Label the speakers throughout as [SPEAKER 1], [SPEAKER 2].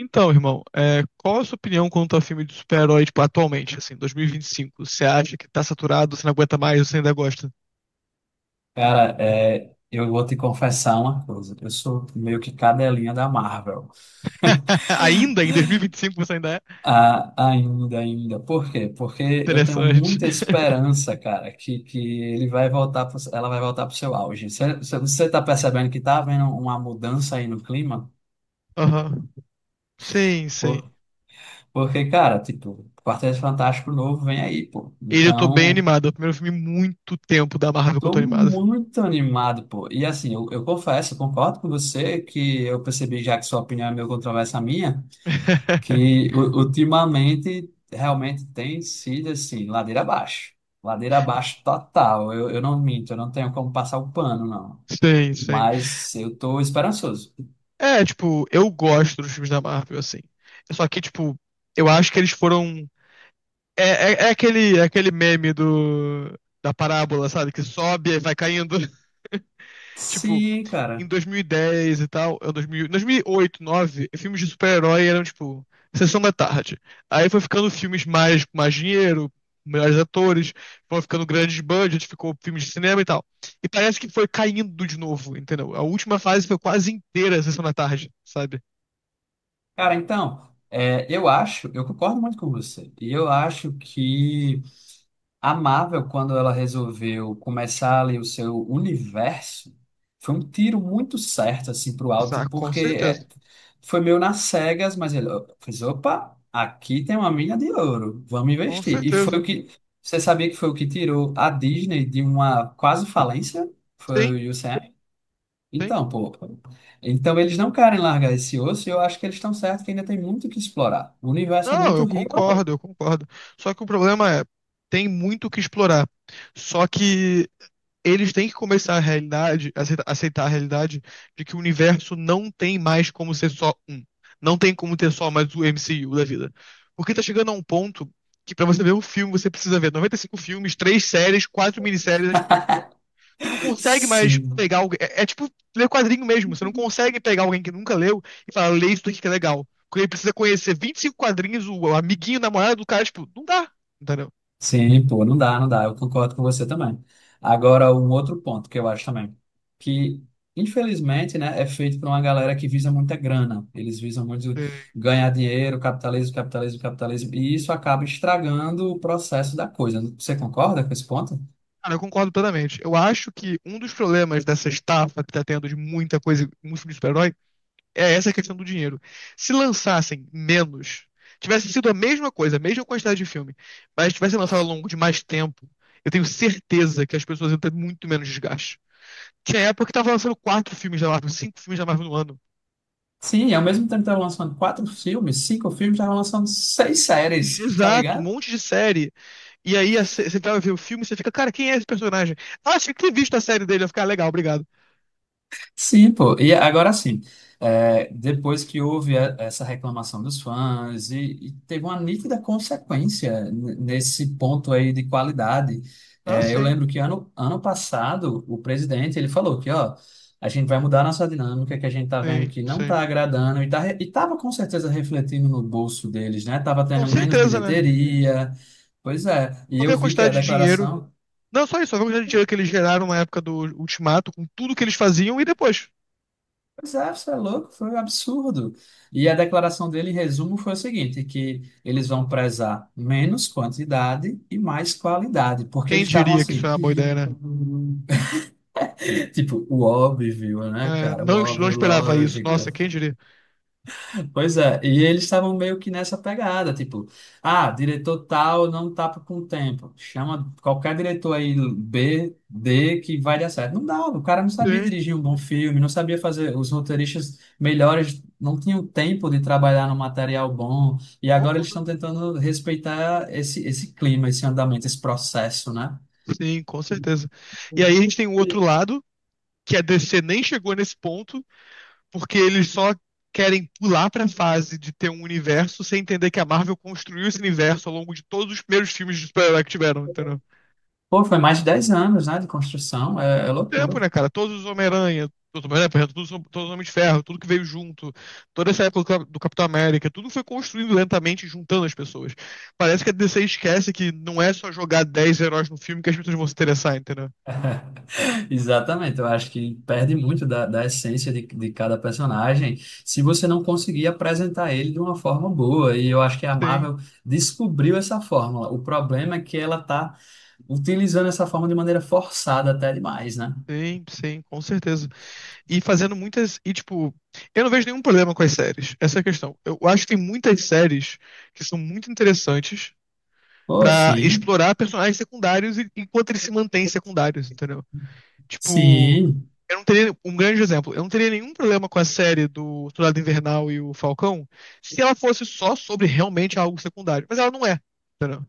[SPEAKER 1] Então, irmão, qual a sua opinião quanto a filme de super-herói, tipo, atualmente, assim, 2025? Você acha que tá saturado, você não aguenta mais, ou você ainda gosta?
[SPEAKER 2] Cara, eu vou te confessar uma coisa. Eu sou meio que cadelinha da Marvel.
[SPEAKER 1] Ainda em 2025 você ainda é?
[SPEAKER 2] Ah, ainda. Por quê? Porque eu tenho
[SPEAKER 1] Interessante.
[SPEAKER 2] muita esperança, cara, que ele vai voltar pro- ela vai voltar para o seu auge. Você tá percebendo que tá havendo uma mudança aí no clima?
[SPEAKER 1] Aham. Sim, sim.
[SPEAKER 2] Por- porque, cara, tipo, Quarteto Fantástico novo vem aí, pô.
[SPEAKER 1] Ele eu tô bem
[SPEAKER 2] Então,
[SPEAKER 1] animado. É o primeiro filme em muito tempo da Marvel que eu
[SPEAKER 2] tô
[SPEAKER 1] tô animado.
[SPEAKER 2] muito animado, pô. E assim, eu confesso, eu concordo com você que eu percebi já que sua opinião é meio controversa à minha. Que ultimamente realmente tem sido assim, ladeira abaixo. Ladeira abaixo total. Eu não minto, eu não tenho como passar o pano, não.
[SPEAKER 1] Sim, sim.
[SPEAKER 2] Mas eu tô esperançoso.
[SPEAKER 1] É, tipo, eu gosto dos filmes da Marvel, assim. Só que, tipo, eu acho que eles foram. É aquele meme da parábola, sabe? Que sobe e vai caindo. Tipo,
[SPEAKER 2] Sim, cara.
[SPEAKER 1] em 2010 e dez e tal, em 2000, 2008, 2009, filmes de super-herói eram, tipo, sessão da tarde. Aí foi ficando filmes mais, com mais dinheiro, melhores atores, foi ficando grandes budgets, ficou filmes de cinema e tal. E parece que foi caindo de novo, entendeu? A última fase foi quase inteira sessão da tarde, sabe?
[SPEAKER 2] Cara, então, eu acho, eu concordo muito com você. E eu acho que a Marvel, quando ela resolveu começar ali o seu universo, foi um tiro muito certo assim para o alto,
[SPEAKER 1] Ah, com
[SPEAKER 2] porque
[SPEAKER 1] certeza,
[SPEAKER 2] foi meio nas cegas, mas ele ó, fez, opa, aqui tem uma mina de ouro, vamos
[SPEAKER 1] com
[SPEAKER 2] investir. E foi
[SPEAKER 1] certeza.
[SPEAKER 2] o que você sabia que foi o que tirou a Disney de uma quase falência?
[SPEAKER 1] Sim,
[SPEAKER 2] Foi o UCM?
[SPEAKER 1] sim.
[SPEAKER 2] Então, pô, então eles não querem largar esse osso e eu acho que eles estão certos que ainda tem muito o que explorar. O universo é
[SPEAKER 1] Não,
[SPEAKER 2] muito
[SPEAKER 1] eu
[SPEAKER 2] rico.
[SPEAKER 1] concordo, eu concordo. Só que o problema é, tem muito o que explorar. Só que eles têm que começar a realidade, aceitar a realidade de que o universo não tem mais como ser só um. Não tem como ter só mais o MCU da vida. Porque tá chegando a um ponto que pra você ver um filme, você precisa ver 95 filmes, três séries, quatro minisséries, né, tipo, tu não consegue mais pegar
[SPEAKER 2] Sim.
[SPEAKER 1] alguém. É tipo ler quadrinho mesmo. Você não consegue pegar alguém que nunca leu e falar, lê isso daqui que é legal. Porque ele precisa conhecer 25 quadrinhos, o amiguinho, o namorado do cara, tipo, não dá. Entendeu?
[SPEAKER 2] Sim, pô, não dá, não dá. Eu concordo com você também. Agora, um outro ponto que eu acho também, que infelizmente, né, é feito por uma galera que visa muita grana. Eles visam muito
[SPEAKER 1] É,
[SPEAKER 2] ganhar dinheiro, capitalismo, capitalismo, capitalismo, e isso acaba estragando o processo da coisa. Você concorda com esse ponto?
[SPEAKER 1] Cara, eu concordo plenamente. Eu acho que um dos problemas dessa estafa que tá tendo de muita coisa, muito filme de super-herói, é essa questão do dinheiro. Se lançassem menos, tivesse sido a mesma coisa, a mesma quantidade de filme, mas tivesse lançado ao longo de mais tempo, eu tenho certeza que as pessoas iam ter muito menos desgaste. Tinha época que tava lançando quatro filmes da Marvel, cinco filmes da Marvel no ano.
[SPEAKER 2] Sim, ao mesmo tempo que estavam lançando quatro filmes, cinco filmes, estavam lançando seis séries, tá
[SPEAKER 1] Exato, um
[SPEAKER 2] ligado?
[SPEAKER 1] monte de série. E aí você vai ver o filme e você fica, cara, quem é esse personagem? Ah, tinha que ter visto a série dele, eu ficar "Ah, legal, obrigado."
[SPEAKER 2] Sim, pô. E agora sim, depois que houve essa reclamação dos fãs e teve uma nítida consequência nesse ponto aí de qualidade.
[SPEAKER 1] Ah,
[SPEAKER 2] É, eu
[SPEAKER 1] sim,
[SPEAKER 2] lembro que ano passado o presidente ele falou que ó, a gente vai mudar a nossa dinâmica, que a gente tá vendo
[SPEAKER 1] sim,
[SPEAKER 2] que não
[SPEAKER 1] sim.
[SPEAKER 2] tá agradando e tava com certeza refletindo no bolso deles, né? Tava
[SPEAKER 1] Com
[SPEAKER 2] tendo menos
[SPEAKER 1] certeza, né?
[SPEAKER 2] bilheteria. Pois é, e
[SPEAKER 1] Vou ver
[SPEAKER 2] eu
[SPEAKER 1] a
[SPEAKER 2] vi que a
[SPEAKER 1] quantidade de dinheiro.
[SPEAKER 2] declaração.
[SPEAKER 1] Não só isso, só ver a quantidade de dinheiro que eles geraram na época do Ultimato, com tudo que eles faziam e depois.
[SPEAKER 2] Pois é, você é louco, foi um absurdo. E a declaração dele, em resumo, foi o seguinte, que eles vão prezar menos quantidade e mais qualidade, porque
[SPEAKER 1] Quem
[SPEAKER 2] eles estavam
[SPEAKER 1] diria que isso
[SPEAKER 2] assim,
[SPEAKER 1] é uma boa ideia, né?
[SPEAKER 2] tipo, o óbvio, né,
[SPEAKER 1] É,
[SPEAKER 2] cara? O
[SPEAKER 1] não, não
[SPEAKER 2] óbvio,
[SPEAKER 1] esperava isso.
[SPEAKER 2] lógico.
[SPEAKER 1] Nossa, quem diria?
[SPEAKER 2] Pois é, e eles estavam meio que nessa pegada, tipo, ah, diretor tal não tá com tempo, chama qualquer diretor aí B, D que vai dar certo. Não dava, o cara não sabia
[SPEAKER 1] Sim,
[SPEAKER 2] dirigir um bom filme, não sabia fazer, os roteiristas melhores não tinham tempo de trabalhar no material bom, e agora eles
[SPEAKER 1] concordo.
[SPEAKER 2] estão tentando respeitar esse clima, esse andamento, esse processo, né?
[SPEAKER 1] Sim, com certeza. E aí a gente tem o outro lado, que a DC nem chegou nesse ponto porque eles só querem pular pra fase de ter um universo sem entender que a Marvel construiu esse universo ao longo de todos os primeiros filmes de super-herói que tiveram, entendeu?
[SPEAKER 2] Pô, foi mais de 10 anos, né, de construção, é loucura.
[SPEAKER 1] Tempo, né, cara? Todos os Homem-Aranha, por exemplo, todos, todos os Homens de Ferro, tudo que veio junto, toda essa época do Capitão América, tudo foi construído lentamente, juntando as pessoas. Parece que a DC esquece que não é só jogar 10 heróis no filme que as pessoas vão se interessar, entendeu?
[SPEAKER 2] Exatamente, eu acho que perde muito da essência de cada personagem se você não conseguir apresentar ele de uma forma boa. E eu acho que a
[SPEAKER 1] Sim,
[SPEAKER 2] Marvel descobriu essa fórmula. O problema é que ela está utilizando essa forma de maneira forçada até demais, né?
[SPEAKER 1] sim, sim, com certeza. E fazendo muitas. E, tipo, eu não vejo nenhum problema com as séries. Essa é a questão. Eu acho que tem muitas séries que são muito interessantes
[SPEAKER 2] Pô,
[SPEAKER 1] pra
[SPEAKER 2] sim,
[SPEAKER 1] explorar personagens secundários enquanto eles se mantêm secundários, entendeu? Tipo,
[SPEAKER 2] sim.
[SPEAKER 1] eu não teria. Um grande exemplo. Eu não teria nenhum problema com a série do Soldado Invernal e o Falcão se ela fosse só sobre realmente algo secundário. Mas ela não é, entendeu?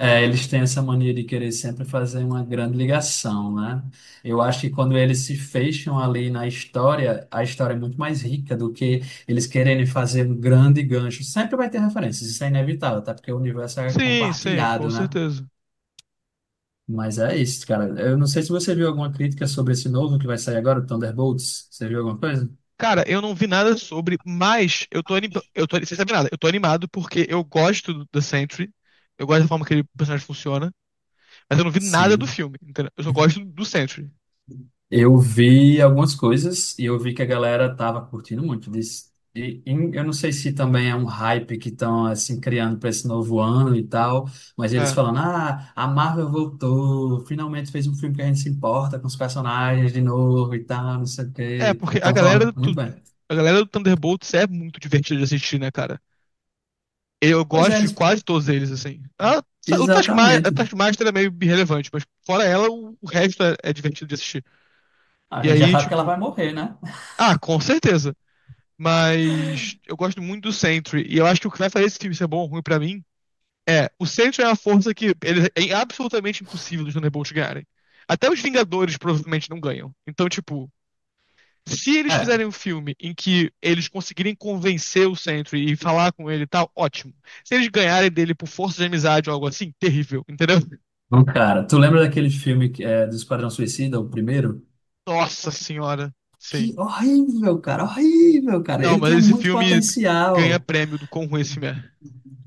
[SPEAKER 2] É, eles têm essa mania de querer sempre fazer uma grande ligação, né? Eu acho que quando eles se fecham ali na história, a história é muito mais rica do que eles quererem fazer um grande gancho. Sempre vai ter referências, isso é inevitável, tá? Porque o universo é
[SPEAKER 1] Sim, sim, com
[SPEAKER 2] compartilhado, né?
[SPEAKER 1] certeza.
[SPEAKER 2] Mas é isso, cara. Eu não sei se você viu alguma crítica sobre esse novo que vai sair agora, o Thunderbolts. Você viu alguma coisa?
[SPEAKER 1] Cara, eu não vi nada sobre, mas eu tô, eu tô, sem saber nada, eu tô animado porque eu gosto do The Sentry, eu gosto da forma que ele, o personagem funciona, mas eu não vi nada do
[SPEAKER 2] Sim.
[SPEAKER 1] filme, entendeu? Eu só gosto do Sentry.
[SPEAKER 2] Eu vi algumas coisas e eu vi que a galera tava curtindo muito disso. Eu não sei se também é um hype que estão assim criando para esse novo ano e tal, mas eles
[SPEAKER 1] É,
[SPEAKER 2] falando: "Ah, a Marvel voltou, finalmente fez um filme que a gente se importa com os personagens de novo e tal, não sei o
[SPEAKER 1] é
[SPEAKER 2] quê".
[SPEAKER 1] porque
[SPEAKER 2] Estão falando muito bem.
[SPEAKER 1] a galera do Thunderbolts é muito divertida de assistir, né, cara? Eu
[SPEAKER 2] Pois é,
[SPEAKER 1] gosto de
[SPEAKER 2] eles...
[SPEAKER 1] quase todos eles, assim. Ah, o Taskmaster, a
[SPEAKER 2] exatamente.
[SPEAKER 1] Taskmaster é meio irrelevante, mas fora ela, o resto é divertido de assistir.
[SPEAKER 2] A
[SPEAKER 1] E
[SPEAKER 2] gente já
[SPEAKER 1] aí,
[SPEAKER 2] sabe que ela
[SPEAKER 1] tipo,
[SPEAKER 2] vai morrer, né?
[SPEAKER 1] ah, com certeza. Mas eu gosto muito do Sentry. E eu acho que o que vai fazer esse filme ser bom ou ruim pra mim é. O Sentry é uma força que ele, é absolutamente impossível os Thunderbolts ganharem. Até os Vingadores provavelmente não ganham. Então, tipo, se eles
[SPEAKER 2] É,
[SPEAKER 1] fizerem um filme em que eles conseguirem convencer o Sentry e falar com ele e tal, ótimo. Se eles ganharem dele por força de amizade ou algo assim, terrível, entendeu?
[SPEAKER 2] bom, cara, tu lembra daquele filme que do Esquadrão Suicida, o primeiro?
[SPEAKER 1] Nossa senhora. Sim.
[SPEAKER 2] Que horrível, cara, horrível, cara.
[SPEAKER 1] Não,
[SPEAKER 2] Ele
[SPEAKER 1] mas
[SPEAKER 2] tinha
[SPEAKER 1] esse
[SPEAKER 2] muito
[SPEAKER 1] filme ganha
[SPEAKER 2] potencial.
[SPEAKER 1] prêmio do quão ruim esse filme é.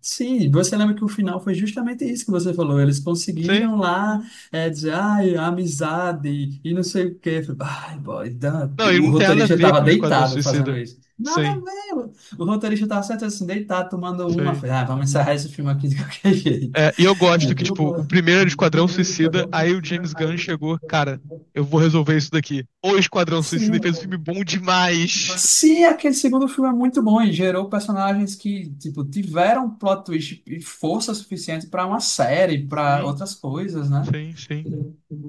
[SPEAKER 2] Sim, você lembra que o final foi justamente isso que você falou. Eles
[SPEAKER 1] Sim.
[SPEAKER 2] conseguiram lá dizer, ai, amizade e não sei o quê. Eu falei, "Ai, boy, Dan-"
[SPEAKER 1] Não, ele
[SPEAKER 2] o
[SPEAKER 1] não tem nada a
[SPEAKER 2] roteirista
[SPEAKER 1] ver
[SPEAKER 2] estava
[SPEAKER 1] com o Esquadrão
[SPEAKER 2] deitado fazendo
[SPEAKER 1] Suicida.
[SPEAKER 2] isso. Nada
[SPEAKER 1] Sim.
[SPEAKER 2] a ver. O roteirista estava certo assim, deitado, tomando uma. Eu
[SPEAKER 1] Sim.
[SPEAKER 2] falei, "Ah, vamos encerrar esse filme aqui de qualquer jeito."
[SPEAKER 1] É, e eu
[SPEAKER 2] É,
[SPEAKER 1] gosto que,
[SPEAKER 2] tipo, eu
[SPEAKER 1] tipo, o
[SPEAKER 2] gosto.
[SPEAKER 1] primeiro era
[SPEAKER 2] O
[SPEAKER 1] Esquadrão
[SPEAKER 2] primeiro que eu
[SPEAKER 1] Suicida,
[SPEAKER 2] não
[SPEAKER 1] aí o
[SPEAKER 2] precisa,
[SPEAKER 1] James Gunn
[SPEAKER 2] aí
[SPEAKER 1] chegou,
[SPEAKER 2] eu
[SPEAKER 1] cara, eu vou resolver isso daqui. O Esquadrão Suicida
[SPEAKER 2] sim.
[SPEAKER 1] fez um filme bom demais.
[SPEAKER 2] Se aquele segundo filme é muito bom e gerou personagens que, tipo, tiveram plot twist e força suficiente para uma série, para
[SPEAKER 1] Sim,
[SPEAKER 2] outras coisas, né?
[SPEAKER 1] sim, sim.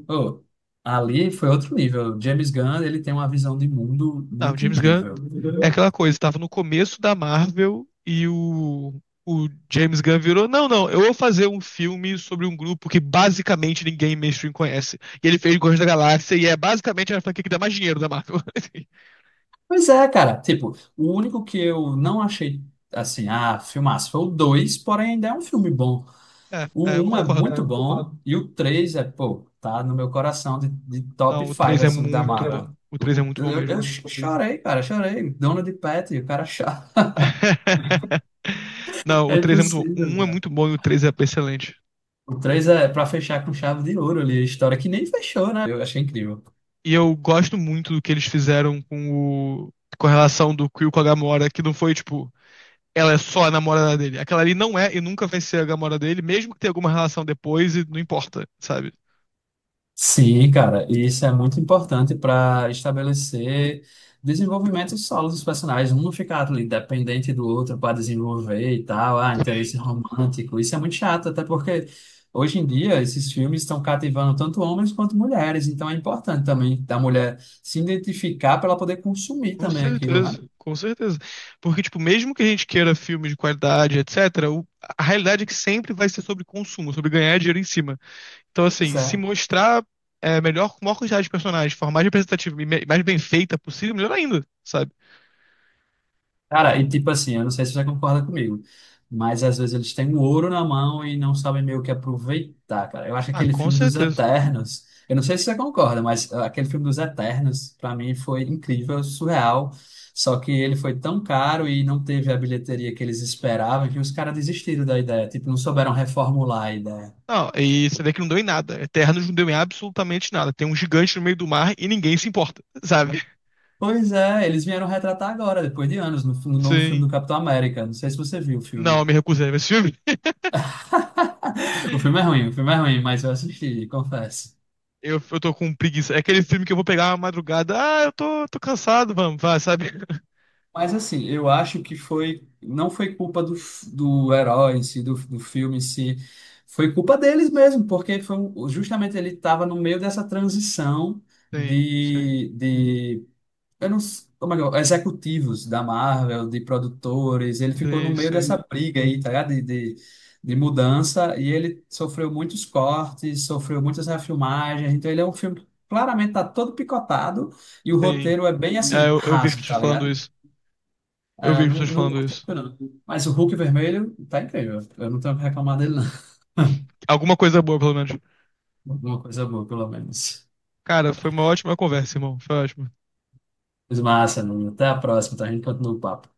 [SPEAKER 2] Oh, ali foi outro nível. James Gunn, ele tem uma visão de mundo
[SPEAKER 1] Não, o
[SPEAKER 2] muito
[SPEAKER 1] James Gunn
[SPEAKER 2] incrível.
[SPEAKER 1] é aquela coisa, tava no começo da Marvel o James Gunn virou, não, não, eu vou fazer um filme sobre um grupo que basicamente ninguém mainstream conhece. E ele fez Guardiões da Galáxia e é basicamente a franquia que dá mais dinheiro da Marvel.
[SPEAKER 2] Pois é, cara. Tipo, o único que eu não achei, assim, ah, filmaço foi o dois, porém ainda é um filme bom.
[SPEAKER 1] É,
[SPEAKER 2] O
[SPEAKER 1] eu
[SPEAKER 2] um é, cara,
[SPEAKER 1] concordo.
[SPEAKER 2] muito bom e o 3 é, pô, tá no meu coração de top
[SPEAKER 1] Não, o
[SPEAKER 2] 5,
[SPEAKER 1] 3 é
[SPEAKER 2] assim, da
[SPEAKER 1] muito
[SPEAKER 2] Marvel.
[SPEAKER 1] bom. O 3 é muito bom mesmo.
[SPEAKER 2] Eu chorei, cara, chorei. Dono de Pet, o cara chora.
[SPEAKER 1] Não,
[SPEAKER 2] É
[SPEAKER 1] o 3 é muito bom. O
[SPEAKER 2] impossível,
[SPEAKER 1] 1 é muito
[SPEAKER 2] cara.
[SPEAKER 1] bom e o 3 é excelente. Sim.
[SPEAKER 2] Então eu achei incrível.
[SPEAKER 1] E eu gosto muito do que eles fizeram com o... com a relação do Quill com a Gamora, que não foi tipo, ela é só a namorada dele. Aquela ali não é e nunca vai ser a Gamora dele, mesmo que tenha alguma relação depois e não importa, sabe?
[SPEAKER 2] Sim, cara, e isso é muito importante para estabelecer desenvolvimentos solos dos personagens. Um não ficar ali dependente do outro para desenvolver e tal, ah, interesse
[SPEAKER 1] Sim,
[SPEAKER 2] romântico. Isso é muito chato, até porque hoje em dia esses filmes estão cativando tanto homens quanto mulheres. Então é importante também da mulher se identificar para ela poder consumir
[SPEAKER 1] com
[SPEAKER 2] também aquilo, né?
[SPEAKER 1] certeza, com certeza. Porque, tipo, mesmo que a gente queira filmes de qualidade, etc., a realidade é que sempre vai ser sobre consumo, sobre ganhar dinheiro em cima. Então, assim, se mostrar melhor, com maior quantidade de personagens, de forma mais representativa e mais bem feita possível, melhor ainda, sabe?
[SPEAKER 2] Cara, e tipo assim, eu não sei se você concorda comigo, mas às vezes eles têm o ouro na mão e não sabem meio que aproveitar, cara. Eu acho que
[SPEAKER 1] Ah,
[SPEAKER 2] aquele
[SPEAKER 1] com
[SPEAKER 2] filme dos
[SPEAKER 1] certeza.
[SPEAKER 2] Eternos, eu não sei se você concorda, mas ah, aquele filme dos Eternos, pra mim, foi incrível, surreal. Só que ele foi tão caro e não teve a bilheteria que eles esperavam que os caras desistiram da ideia, tipo, não souberam reformular a ideia.
[SPEAKER 1] Não, e você vê que não deu em nada. Eternos não deu em absolutamente nada. Tem um gigante no meio do mar e ninguém se importa, sabe?
[SPEAKER 2] Pois é, eles vieram retratar agora, depois de anos, no novo filme do
[SPEAKER 1] Sim.
[SPEAKER 2] Capitão América. Não sei se você viu o
[SPEAKER 1] Não, eu
[SPEAKER 2] filme.
[SPEAKER 1] me recusei a ver esse filme.
[SPEAKER 2] O filme é ruim, o filme é ruim, mas eu assisti, confesso.
[SPEAKER 1] Eu tô com preguiça. É aquele filme que eu vou pegar uma madrugada. Ah, tô cansado, vamos, vai, sabe?
[SPEAKER 2] Mas assim, eu acho que foi, não foi culpa do herói em si, do filme em si, foi culpa deles mesmo, porque foi um- justamente ele estava no meio dessa transição
[SPEAKER 1] Sim, sim,
[SPEAKER 2] de eu não, ou melhor, executivos da Marvel, de produtores, ele ficou no
[SPEAKER 1] sim,
[SPEAKER 2] meio
[SPEAKER 1] sim,
[SPEAKER 2] dessa briga aí, tá ligado? De mudança, e ele sofreu muitos cortes, sofreu muitas refilmagens, então ele é um filme que claramente tá todo picotado, e o
[SPEAKER 1] sim.
[SPEAKER 2] roteiro é bem
[SPEAKER 1] É,
[SPEAKER 2] assim,
[SPEAKER 1] eu, eu vi as
[SPEAKER 2] raso,
[SPEAKER 1] pessoas
[SPEAKER 2] tá
[SPEAKER 1] falando
[SPEAKER 2] ligado?
[SPEAKER 1] isso. Eu
[SPEAKER 2] É,
[SPEAKER 1] vi as
[SPEAKER 2] não,
[SPEAKER 1] pessoas
[SPEAKER 2] não
[SPEAKER 1] falando
[SPEAKER 2] curti
[SPEAKER 1] isso.
[SPEAKER 2] muito, não. Mas o Hulk vermelho tá incrível. Eu não tenho o que reclamar dele, não.
[SPEAKER 1] Alguma coisa boa, pelo menos.
[SPEAKER 2] Alguma coisa boa, pelo menos.
[SPEAKER 1] Cara, foi uma ótima conversa, irmão. Foi ótimo.
[SPEAKER 2] Mas massa, Nuno. Até a próxima, tá? A gente continua o papo.